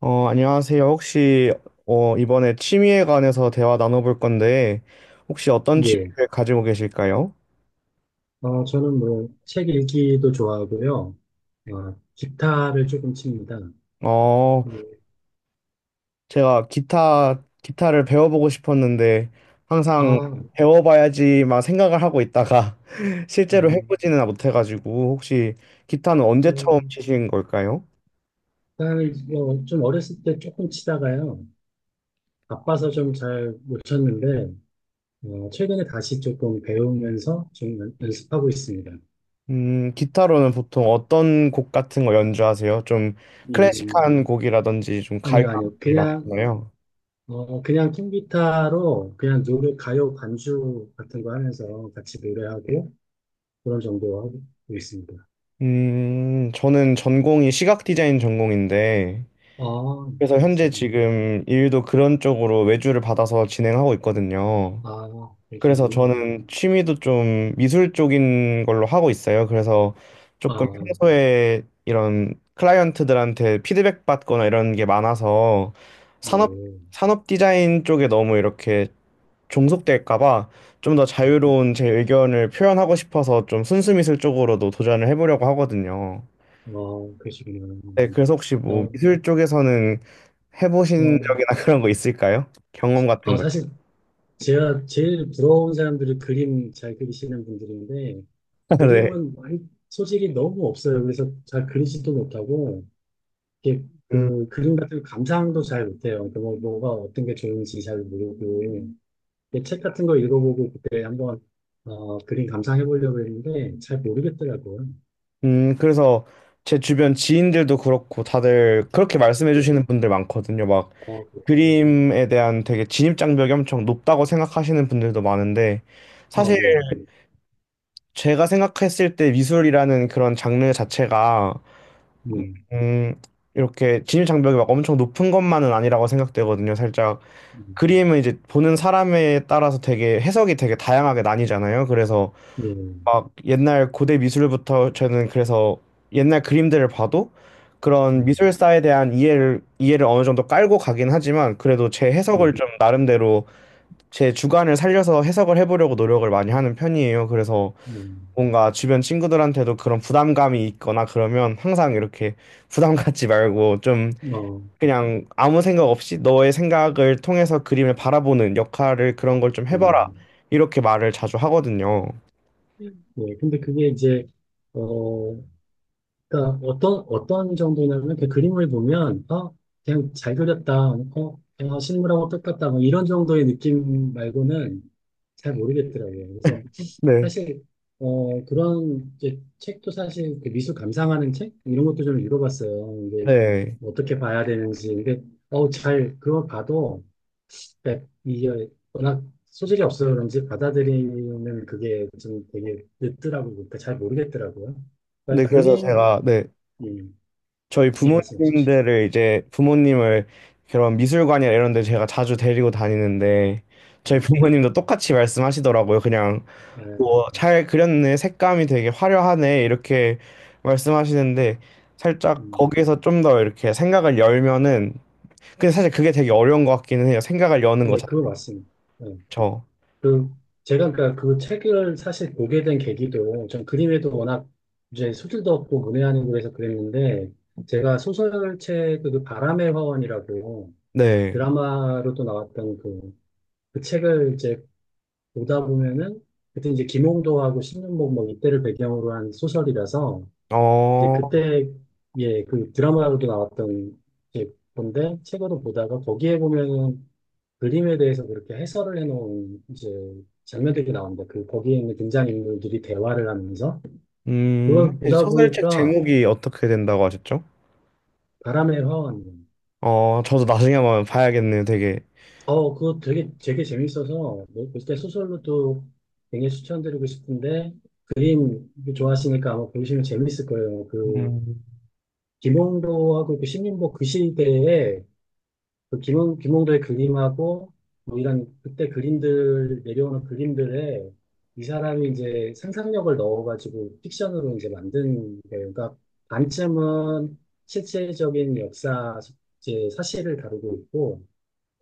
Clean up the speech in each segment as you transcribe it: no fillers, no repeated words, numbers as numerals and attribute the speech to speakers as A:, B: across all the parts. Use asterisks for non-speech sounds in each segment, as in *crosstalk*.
A: 안녕하세요. 혹시 이번에 취미에 관해서 대화 나눠볼 건데 혹시 어떤
B: 예.
A: 취미를 가지고 계실까요?
B: 저는 뭐, 책 읽기도 좋아하고요. 기타를 조금 칩니다.
A: 어,
B: 예.
A: 제가 기타를 배워보고 싶었는데
B: 아,
A: 항상
B: 아,
A: 배워봐야지 막 생각을 하고 있다가 *laughs* 실제로
B: 어,
A: 해보지는 못해가지고 혹시 기타는 언제 처음
B: 음,
A: 치신 걸까요?
B: 딱, 좀 어렸을 때 조금 치다가요. 바빠서 좀 잘 못 쳤는데, 최근에 다시 조금 배우면서 좀 연습하고 있습니다.
A: 기타로는 보통 어떤 곡 같은 거 연주하세요? 좀
B: 음,
A: 클래식한 곡이라든지 좀 가요
B: 아니요,
A: 같은
B: 아니요.
A: 게
B: 그냥,
A: 많잖아요.
B: 어, 그냥 통기타로 그냥 노래, 가요 반주 같은 거 하면서 같이 노래하고 그런 정도 하고 있습니다.
A: 저는 전공이 시각 디자인 전공인데,
B: 아,
A: 그래서 현재
B: 글쎄요.
A: 지금 일도 그런 쪽으로 외주를 받아서 진행하고 있거든요.
B: 아,
A: 그래서
B: 그러시군요.
A: 저는 취미도 좀 미술 쪽인 걸로 하고 있어요. 그래서
B: 아,
A: 조금 평소에 이런 클라이언트들한테 피드백 받거나 이런 게 많아서 산업,
B: 네.
A: 산업 디자인 쪽에 너무 이렇게 종속될까 봐 좀 더 자유로운 제 의견을 표현하고 싶어서 좀 순수 미술 쪽으로도 도전을 해보려고 하거든요.
B: 그러시군요.
A: 네, 그래서 혹시 뭐
B: 어,
A: 미술 쪽에서는 해보신
B: 어,
A: 적이나 *laughs* 그런 거 있을까요? 경험 같은 거.
B: 사실 제가 제일 부러운 사람들이 그림 잘 그리시는 분들인데,
A: *laughs* 네.
B: 그림은 많이 소질이 너무 없어요. 그래서 잘 그리지도 못하고, 이게
A: 음,
B: 그 그림 같은 거 감상도 잘 못해요. 그러니까 뭐, 뭐가 어떤 게 좋은지 잘 모르고, 이게 책 같은 거 읽어보고 그때 한번 그림 감상해 보려고 했는데, 잘 모르겠더라고요.
A: 그래서 제 주변 지인들도 그렇고 다들 그렇게 말씀해
B: 네.
A: 주시는 분들 많거든요. 막
B: 그렇군요.
A: 그림에 대한 되게 진입장벽이 엄청 높다고 생각하시는 분들도 많은데 사실
B: 예.
A: 제가 생각했을 때 미술이라는 그런 장르 자체가
B: 네.
A: 음, 이렇게 진입장벽이 막 엄청 높은 것만은 아니라고 생각되거든요. 살짝
B: 음.
A: 그림은 이제 보는 사람에 따라서 되게 해석이 되게 다양하게 나뉘잖아요. 그래서
B: 예.
A: 막 옛날 고대 미술부터 저는 그래서 옛날 그림들을 봐도 그런
B: 음.
A: 미술사에 대한 이해를 어느 정도 깔고 가긴 하지만 그래도 제
B: 예.
A: 해석을 좀 나름대로 제 주관을 살려서 해석을 해보려고 노력을 많이 하는 편이에요. 그래서
B: 음.
A: 뭔가 주변 친구들한테도 그런 부담감이 있거나 그러면 항상 이렇게 부담 갖지 말고 좀
B: 음.
A: 그냥 아무 생각 없이 너의 생각을 통해서 그림을 바라보는 역할을 그런 걸 좀 해봐라.
B: 음.
A: 이렇게 말을 자주 하거든요.
B: 음. 예, 근데 그게 이제, 어, 그러니까 어떤 정도냐면 그 그림을 보면, 그냥 잘 그렸다, 실물하고 똑같다, 뭐 이런 정도의 느낌 말고는 잘 모르겠더라고요. 그래서
A: 네.
B: 사실, 그런 이제 책도 사실 그 미술 감상하는 책? 이런 것도 좀 읽어봤어요. 이게
A: 네.
B: 어떻게 봐야 되는지. 근데, 그걸 봐도 그러니까 이게 워낙 소질이 없어서 그런지 받아들이는 그게 좀 되게 늦더라고요. 그러니까 잘 모르겠더라고요.
A: 네,
B: 그러니까
A: 그래서
B: 그림,
A: 제가, 네.
B: 음,
A: 저희
B: 예, 말씀해 주십시오.
A: 부모님들을 이제 부모님을 그런 미술관이나 이런 데 제가 자주 데리고 다니는데 저희
B: 아,
A: 부모님도 똑같이 말씀하시더라고요. 그냥
B: 네,
A: 뭐 잘 그렸네. 색감이 되게 화려하네. 이렇게 말씀하시는데 살짝
B: 음,
A: 거기에서 좀 더 이렇게 생각을 열면은 근데 사실 그게 되게 어려운 것 같기는 해요. 생각을 여는 거
B: 네, 그거 맞습니다. 네.
A: 자체죠.
B: 그, 제가 그러니까 그 책을 사실 보게 된 계기도 전 그림에도 워낙 이제 소질도 없고 문외한는고 그래서 그랬는데 제가 소설책 그 바람의 화원이라고
A: 네.
B: 드라마로도 나왔던 그 책을 이제 보다 보면은 그때 이제 김홍도하고 신윤복 뭐 이때를 배경으로 한 소설이라서 이제
A: 어,
B: 그때 예 그 드라마로도 나왔던 이제 건데 책으로 보다가 거기에 보면은 그림에 대해서 그렇게 해설을 해놓은 이제 장면들이 나옵니다. 그 거기에 있는 등장인물들이 대화를 하면서 그걸
A: 혹시
B: 보다
A: 소설책
B: 보니까
A: 제목이 어떻게 된다고 하셨죠?
B: 바람의 화원.
A: 어, 저도 나중에 한번 봐야겠네요.
B: 그거 되게 되게 재밌어서 뭐 그때 소설로도 굉장히 추천드리고 싶은데 그림 좋아하시니까 아마 보시면 재밌을 거예요. 그
A: 음,
B: 김홍도하고 그 신림보 그 시대에 그 김홍, 김홍도의 그림하고 뭐 이런 그때 그림들 내려오는 그림들에 이 사람이 이제 상상력을 넣어가지고 픽션으로 이제 만든 거예요. 그러니까 반쯤은 실체적인 역사 이제 사실을 다루고 있고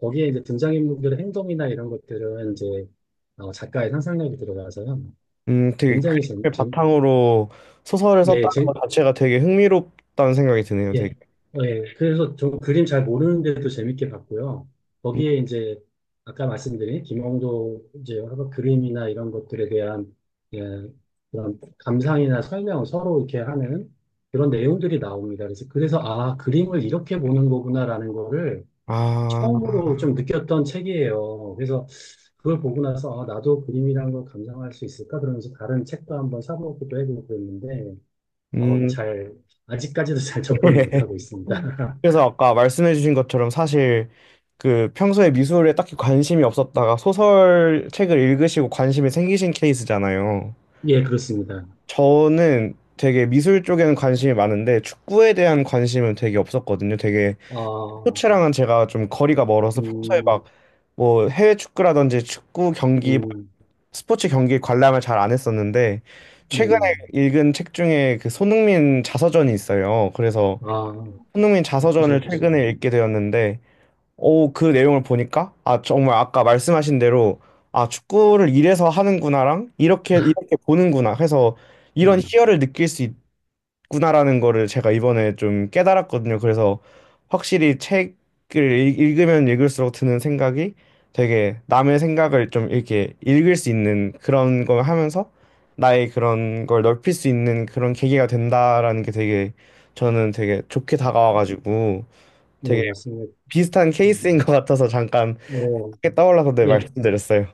B: 거기에 이제 등장인물들의 행동이나 이런 것들은 이제 작가의 상상력이 들어가서요.
A: 되게
B: 굉장히 재밌,
A: 그림을
B: 재.
A: 바탕으로 소설을
B: 예,
A: 썼다는
B: 재,
A: 것 자체가 되게 흥미롭다는 생각이 드네요. 되게.
B: 예. 예. 그래서 저 그림 잘 모르는데도 재밌게 봤고요.
A: 음,
B: 거기에 이제 아까 말씀드린 김홍도 이제 가 그림이나 이런 것들에 대한 예, 그런 감상이나 설명을 서로 이렇게 하는 그런 내용들이 나옵니다. 그래서 아, 그림을 이렇게 보는 거구나라는 거를
A: 아,
B: 처음으로 좀 느꼈던 책이에요. 그래서 그걸 보고 나서 아, 나도 그림이란 걸 감상할 수 있을까? 그러면서 다른 책도 한번 사보기도 해보고 그랬는데 어,
A: 음,
B: 잘, 아직까지도 잘 접근을
A: *laughs*
B: 못하고 있습니다. *laughs*
A: 그래서 아까 말씀해주신 것처럼 사실 그 평소에 미술에 딱히 관심이 없었다가 소설 책을 읽으시고 관심이 생기신 케이스잖아요.
B: 예, 그렇습니다.
A: 저는 되게 미술 쪽에는 관심이 많은데 축구에 대한 관심은 되게 없었거든요. 되게
B: 아,
A: 스포츠랑은 제가 좀 거리가 멀어서 평소에 막
B: 음,
A: 뭐 해외 축구라든지 축구 경기, 뭐
B: 음,
A: 스포츠 경기 관람을 잘 안 했었는데 최근에
B: 네네.
A: 읽은 책 중에 그 손흥민 자서전이 있어요. 그래서
B: 아,
A: 손흥민 자서전을
B: 저, 지,
A: 최근에 읽게 되었는데 오, 그 내용을 보니까 아, 정말 아까 말씀하신 대로 아, 축구를 이래서 하는구나랑 이렇게 이렇게 보는구나 해서 이런
B: 음,
A: 희열을 느낄 수 있, 구나라는 거를 제가 이번에 좀 깨달았거든요. 그래서 확실히 책을 읽으면 읽을수록 드는 생각이 되게 남의 생각을 좀 이렇게 읽을 수 있는 그런 걸 하면서 나의 그런 걸 넓힐 수 있는 그런 계기가 된다라는 게 되게 저는 되게 좋게 다가와가지고
B: 네,
A: 되게
B: 맞습니다.
A: 비슷한 케이스인
B: 음,
A: 것 같아서 잠깐
B: 어,
A: 떠올라서 네,
B: 네,
A: 말씀드렸어요.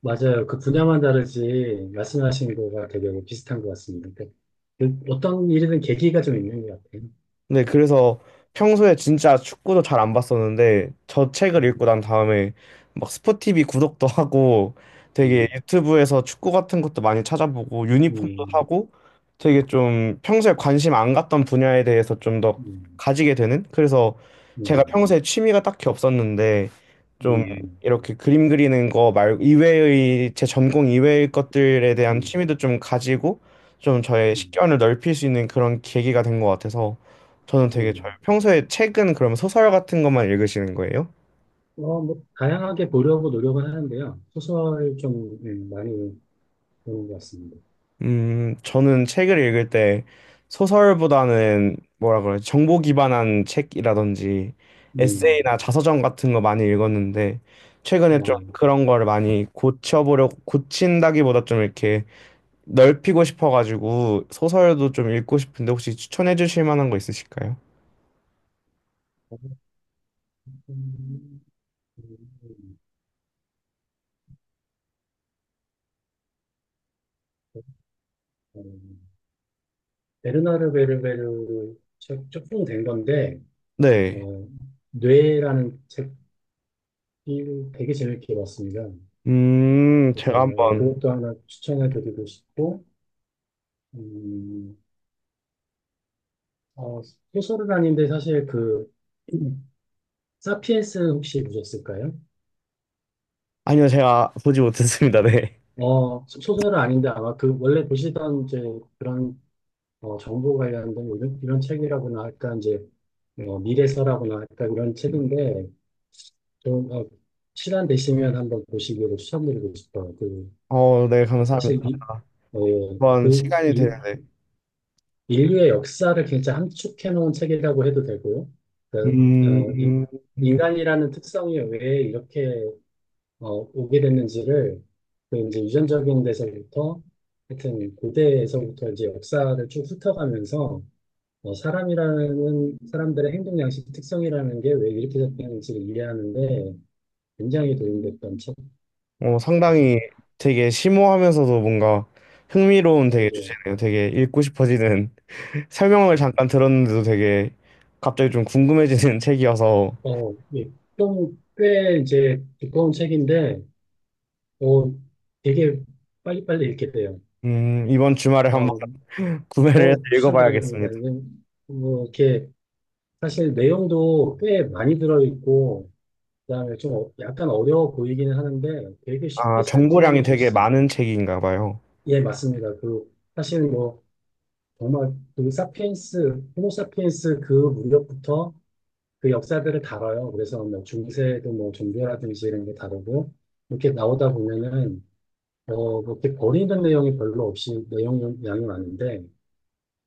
B: 맞아요. 그 분야만 다르지, 말씀하신 거가 되게 비슷한 것 같습니다. 그 어떤 일이든 계기가 좀 있는 것 같아요.
A: 네, 그래서 평소에 진짜 축구도 잘 안 봤었는데 저 책을
B: 음,
A: 읽고 난 다음에 막 스포티비 구독도 하고 되게
B: 음,
A: 유튜브에서 축구 같은 것도 많이 찾아보고 유니폼도
B: 음,
A: 사고 되게 좀 평소에 관심 안 갔던 분야에 대해서 좀 더
B: 음,
A: 가지게 되는 그래서 제가
B: 음,
A: 평소에 취미가 딱히 없었는데 좀
B: 음,
A: 이렇게 그림 그리는 거 말 이외의 제 전공 이외의 것들에 대한
B: 음,
A: 취미도 좀 가지고 좀 저의
B: 음, 음.
A: 식견을 넓힐 수 있는 그런 계기가 된 것 같아서 저는 되게 잘
B: 음.
A: 평소에 책은 그럼 소설 같은 것만 읽으시는 거예요?
B: 뭐, 다양하게 보려고 노력은 하는데요. 소설 좀 많이 보는 것 같습니다.
A: 저는 책을 읽을 때 소설보다는 뭐라 그래, 정보 기반한 책이라든지
B: 음,
A: 에세이나 자서전 같은 거 많이 읽었는데 최근에 좀
B: 어,
A: 그런 거를 많이 고쳐보려고 고친다기보다 좀 이렇게 넓히고 싶어가지고 소설도 좀 읽고 싶은데 혹시 추천해 주실 만한 거 있으실까요?
B: 음, 음, 베르나르 베르베르 책 조금 된 건데,
A: 네.
B: 어, 뇌라는 책이 되게 재밌게 봤습니다. 그래서
A: 제가 한번
B: 그것도 하나 추천해 드리고 싶고, 음, 어, 소설은 아닌데 사실 음, 사피엔스 혹시 보셨을까요?
A: 아니요, 제가 보지 못했습니다. 네.
B: 소설은 아닌데 아마 그 원래 보시던 이제 그런 정보 관련된 이런 책이라고나 할까 이제 미래서라고나 할까 이런 책인데 좀 시간 되시면 한번 보시기를 추천드리고 싶어요. 그
A: 어, 네, 감사합니다.
B: 사실 어,
A: 한번
B: 그
A: 시간이 되는 데
B: 인류의 역사를 굉장히 함축해 놓은 책이라고 해도 되고요. 그, 어, 인-
A: 음,
B: 인간이라는 특성이 왜 이렇게 오게 됐는지를 그 이제 유전적인 데서부터 하여튼 고대에서부터 이제 역사를 쭉 훑어가면서 사람이라는 사람들의 행동 양식 특성이라는 게 왜 이렇게 됐는지를 이해하는데 굉장히 도움이 됐던
A: 어,
B: 책에서
A: 상당히 되게 심오하면서도 뭔가 흥미로운 되게
B: 어,
A: 주제네요. 되게 읽고 싶어지는 *laughs* 설명을
B: 이
A: 잠깐
B: 음,
A: 들었는데도 되게 갑자기 좀 궁금해지는 *laughs* 책이어서
B: 예. 좀꽤 이제 두꺼운 책인데 어, 되게 빨리빨리 읽게 돼요.
A: 이번 주말에 한번
B: 어,
A: *laughs* 구매를 해서
B: 추천드립니다.
A: 읽어봐야겠습니다.
B: 이건 뭐 이렇게 사실 내용도 꽤 많이 들어있고 그다음에 좀 약간 어려워 보이기는 하는데 되게 쉽게
A: 아,
B: 잘
A: 정보량이 되게
B: 풀어놓으셨어요.
A: 많은 책인가 봐요.
B: 예, 맞습니다. 그 사실 뭐 정말 그 사피엔스, 호모사피엔스 그 무렵부터 그 역사들을 다뤄요. 그래서 뭐 중세도 뭐 종교라든지 이런 게 다르고 이렇게 나오다 보면은 그렇게 버리는 내용이 별로 없이 내용 양이 많은데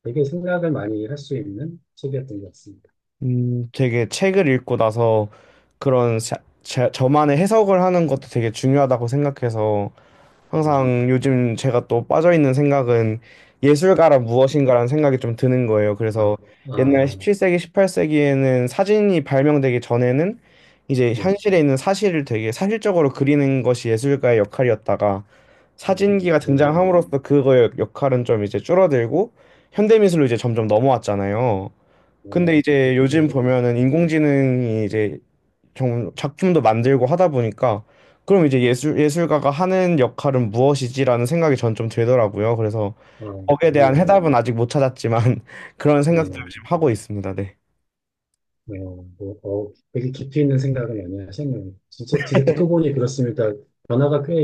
B: 되게 생각을 많이 할 수 있는 책이었던 것 같습니다.
A: 되게 책을 읽고 나서 그런 저만의 해석을 하는 것도 되게 중요하다고 생각해서
B: 예.
A: 항상 요즘 제가 또 빠져있는 생각은 예술가란 무엇인가라는 생각이 좀 드는 거예요.
B: 아,
A: 그래서 옛날
B: 아,
A: 17세기, 18세기에는 사진이 발명되기 전에는 이제
B: 네.
A: 현실에 있는 사실을 되게 사실적으로 그리는 것이 예술가의 역할이었다가 사진기가
B: 그런
A: 등장함으로써 그거의 역할은 좀 이제 줄어들고 현대미술로 이제 점점 넘어왔잖아요.
B: 어,
A: 근데 이제 요즘
B: 좀
A: 보면은 인공지능이 이제 좀 작품도 만들고 하다 보니까 그럼 이제 예술가가 하는 역할은 무엇이지라는 생각이 전 좀 들더라고요. 그래서
B: 아,
A: 거기에 대한
B: 그러네요.
A: 해답은 아직 못 찾았지만 *laughs* 그런 생각도
B: 네,
A: 지금 하고 있습니다. 네.
B: 네, 뭐, 되게 깊이 있는 생각을 많이 하셨네요. 진짜, 진짜 듣고 보니 그렇습니다. 변화가 꽤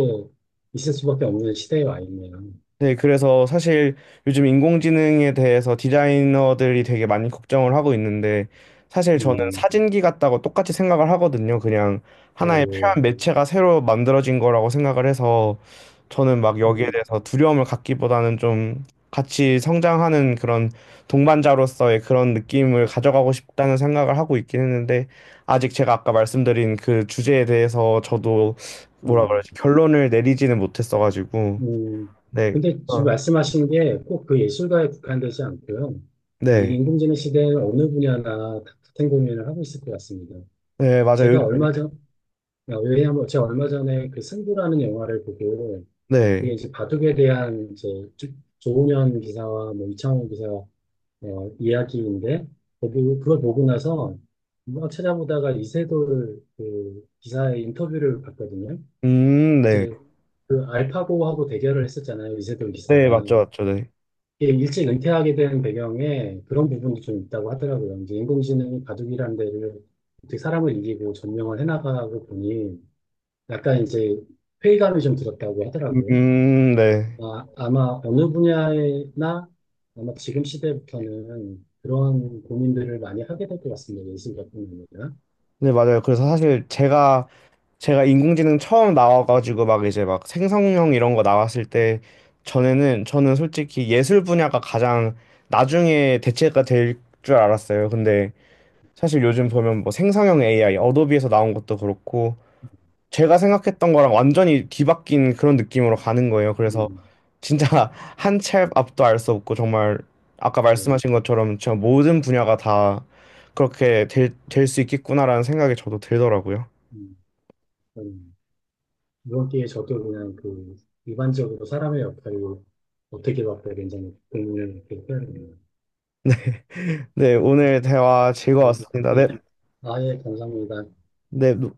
B: 있을 수밖에 없는 시대에 와 있네요.
A: 네, 그래서 사실 요즘 인공지능에 대해서 디자이너들이 되게 많이 걱정을 하고 있는데 사실 저는
B: 음,
A: 사진기 같다고 똑같이 생각을 하거든요. 그냥
B: 아,
A: 하나의
B: 예,
A: 표현 매체가 새로 만들어진 거라고 생각을 해서 저는 막 여기에
B: 음,
A: 대해서 두려움을 갖기보다는 좀 같이 성장하는 그런 동반자로서의 그런 느낌을 가져가고 싶다는 생각을 하고 있긴 했는데 아직 제가 아까 말씀드린 그 주제에 대해서 저도 뭐라
B: 음,
A: 그러지 결론을 내리지는 못했어가지고
B: 음.
A: 네.
B: 근데 지금 말씀하신 게 꼭 그 예술가에 국한되지 않고요. 이
A: 네.
B: 인공지능 시대에는 어느 분야나 다 같은 고민을 하고 있을 것 같습니다.
A: 네, 맞아요.
B: 제가
A: 요즘-
B: 얼마 전, 아, 왜냐하면 제가 얼마 전에 그 승부라는 영화를 보고 그게
A: 네.
B: 이제 바둑에 대한 이제 조- 조훈현 기사와 뭐 이창호 기사 이야기인데 거기 그걸 보고 나서 막 찾아보다가 이세돌 그 기사의 인터뷰를 봤거든요.
A: 네.
B: 이제 그 알파고하고 대결을 했었잖아요. 이세돌
A: 네,
B: 기사가.
A: 맞죠, 맞죠. 네.
B: 이게 일찍 은퇴하게 된 배경에 그런 부분도 좀 있다고 하더라고요. 이제 인공지능이 바둑이라는 데를 어떻게 사람을 이기고 점령을 해나가고 보니 약간 이제 회의감이 좀 들었다고 하더라고요.
A: 네.
B: 아, 아마 어느 분야나 아마 지금 시대부터는 그러한 고민들을 많이 하게 될 것 같습니다. 예술가뿐 아니라.
A: 네, 맞아요. 그래서 사실 제가 인공지능 처음 나와가지고 막 이제 막 생성형 이런 거 나왔을 때 전에는 저는 솔직히 예술 분야가 가장 나중에 대체가 될 줄 알았어요. 근데 사실 요즘 보면 뭐 생성형 AI, 어도비에서 나온 것도 그렇고 제가 생각했던 거랑 완전히 뒤바뀐 그런 느낌으로 가는 거예요. 그래서
B: 음,
A: 진짜 *laughs* 한 치 앞도 알 수 없고 정말 아까
B: 예,
A: 말씀하신 것처럼 진짜 모든 분야가 다 그렇게 될 수 있겠구나라는 생각이 저도 들더라고요.
B: 음, 음. 이번 기회에 저도 그냥 그 일반적으로 사람의 역할을 어떻게 바꿔야 되는지 고민을 이렇게 해야 되네요.
A: 네, 오늘 대화
B: 예,
A: 즐거웠습니다. 네,
B: 예. 아, 예, 감사합니다.
A: 네,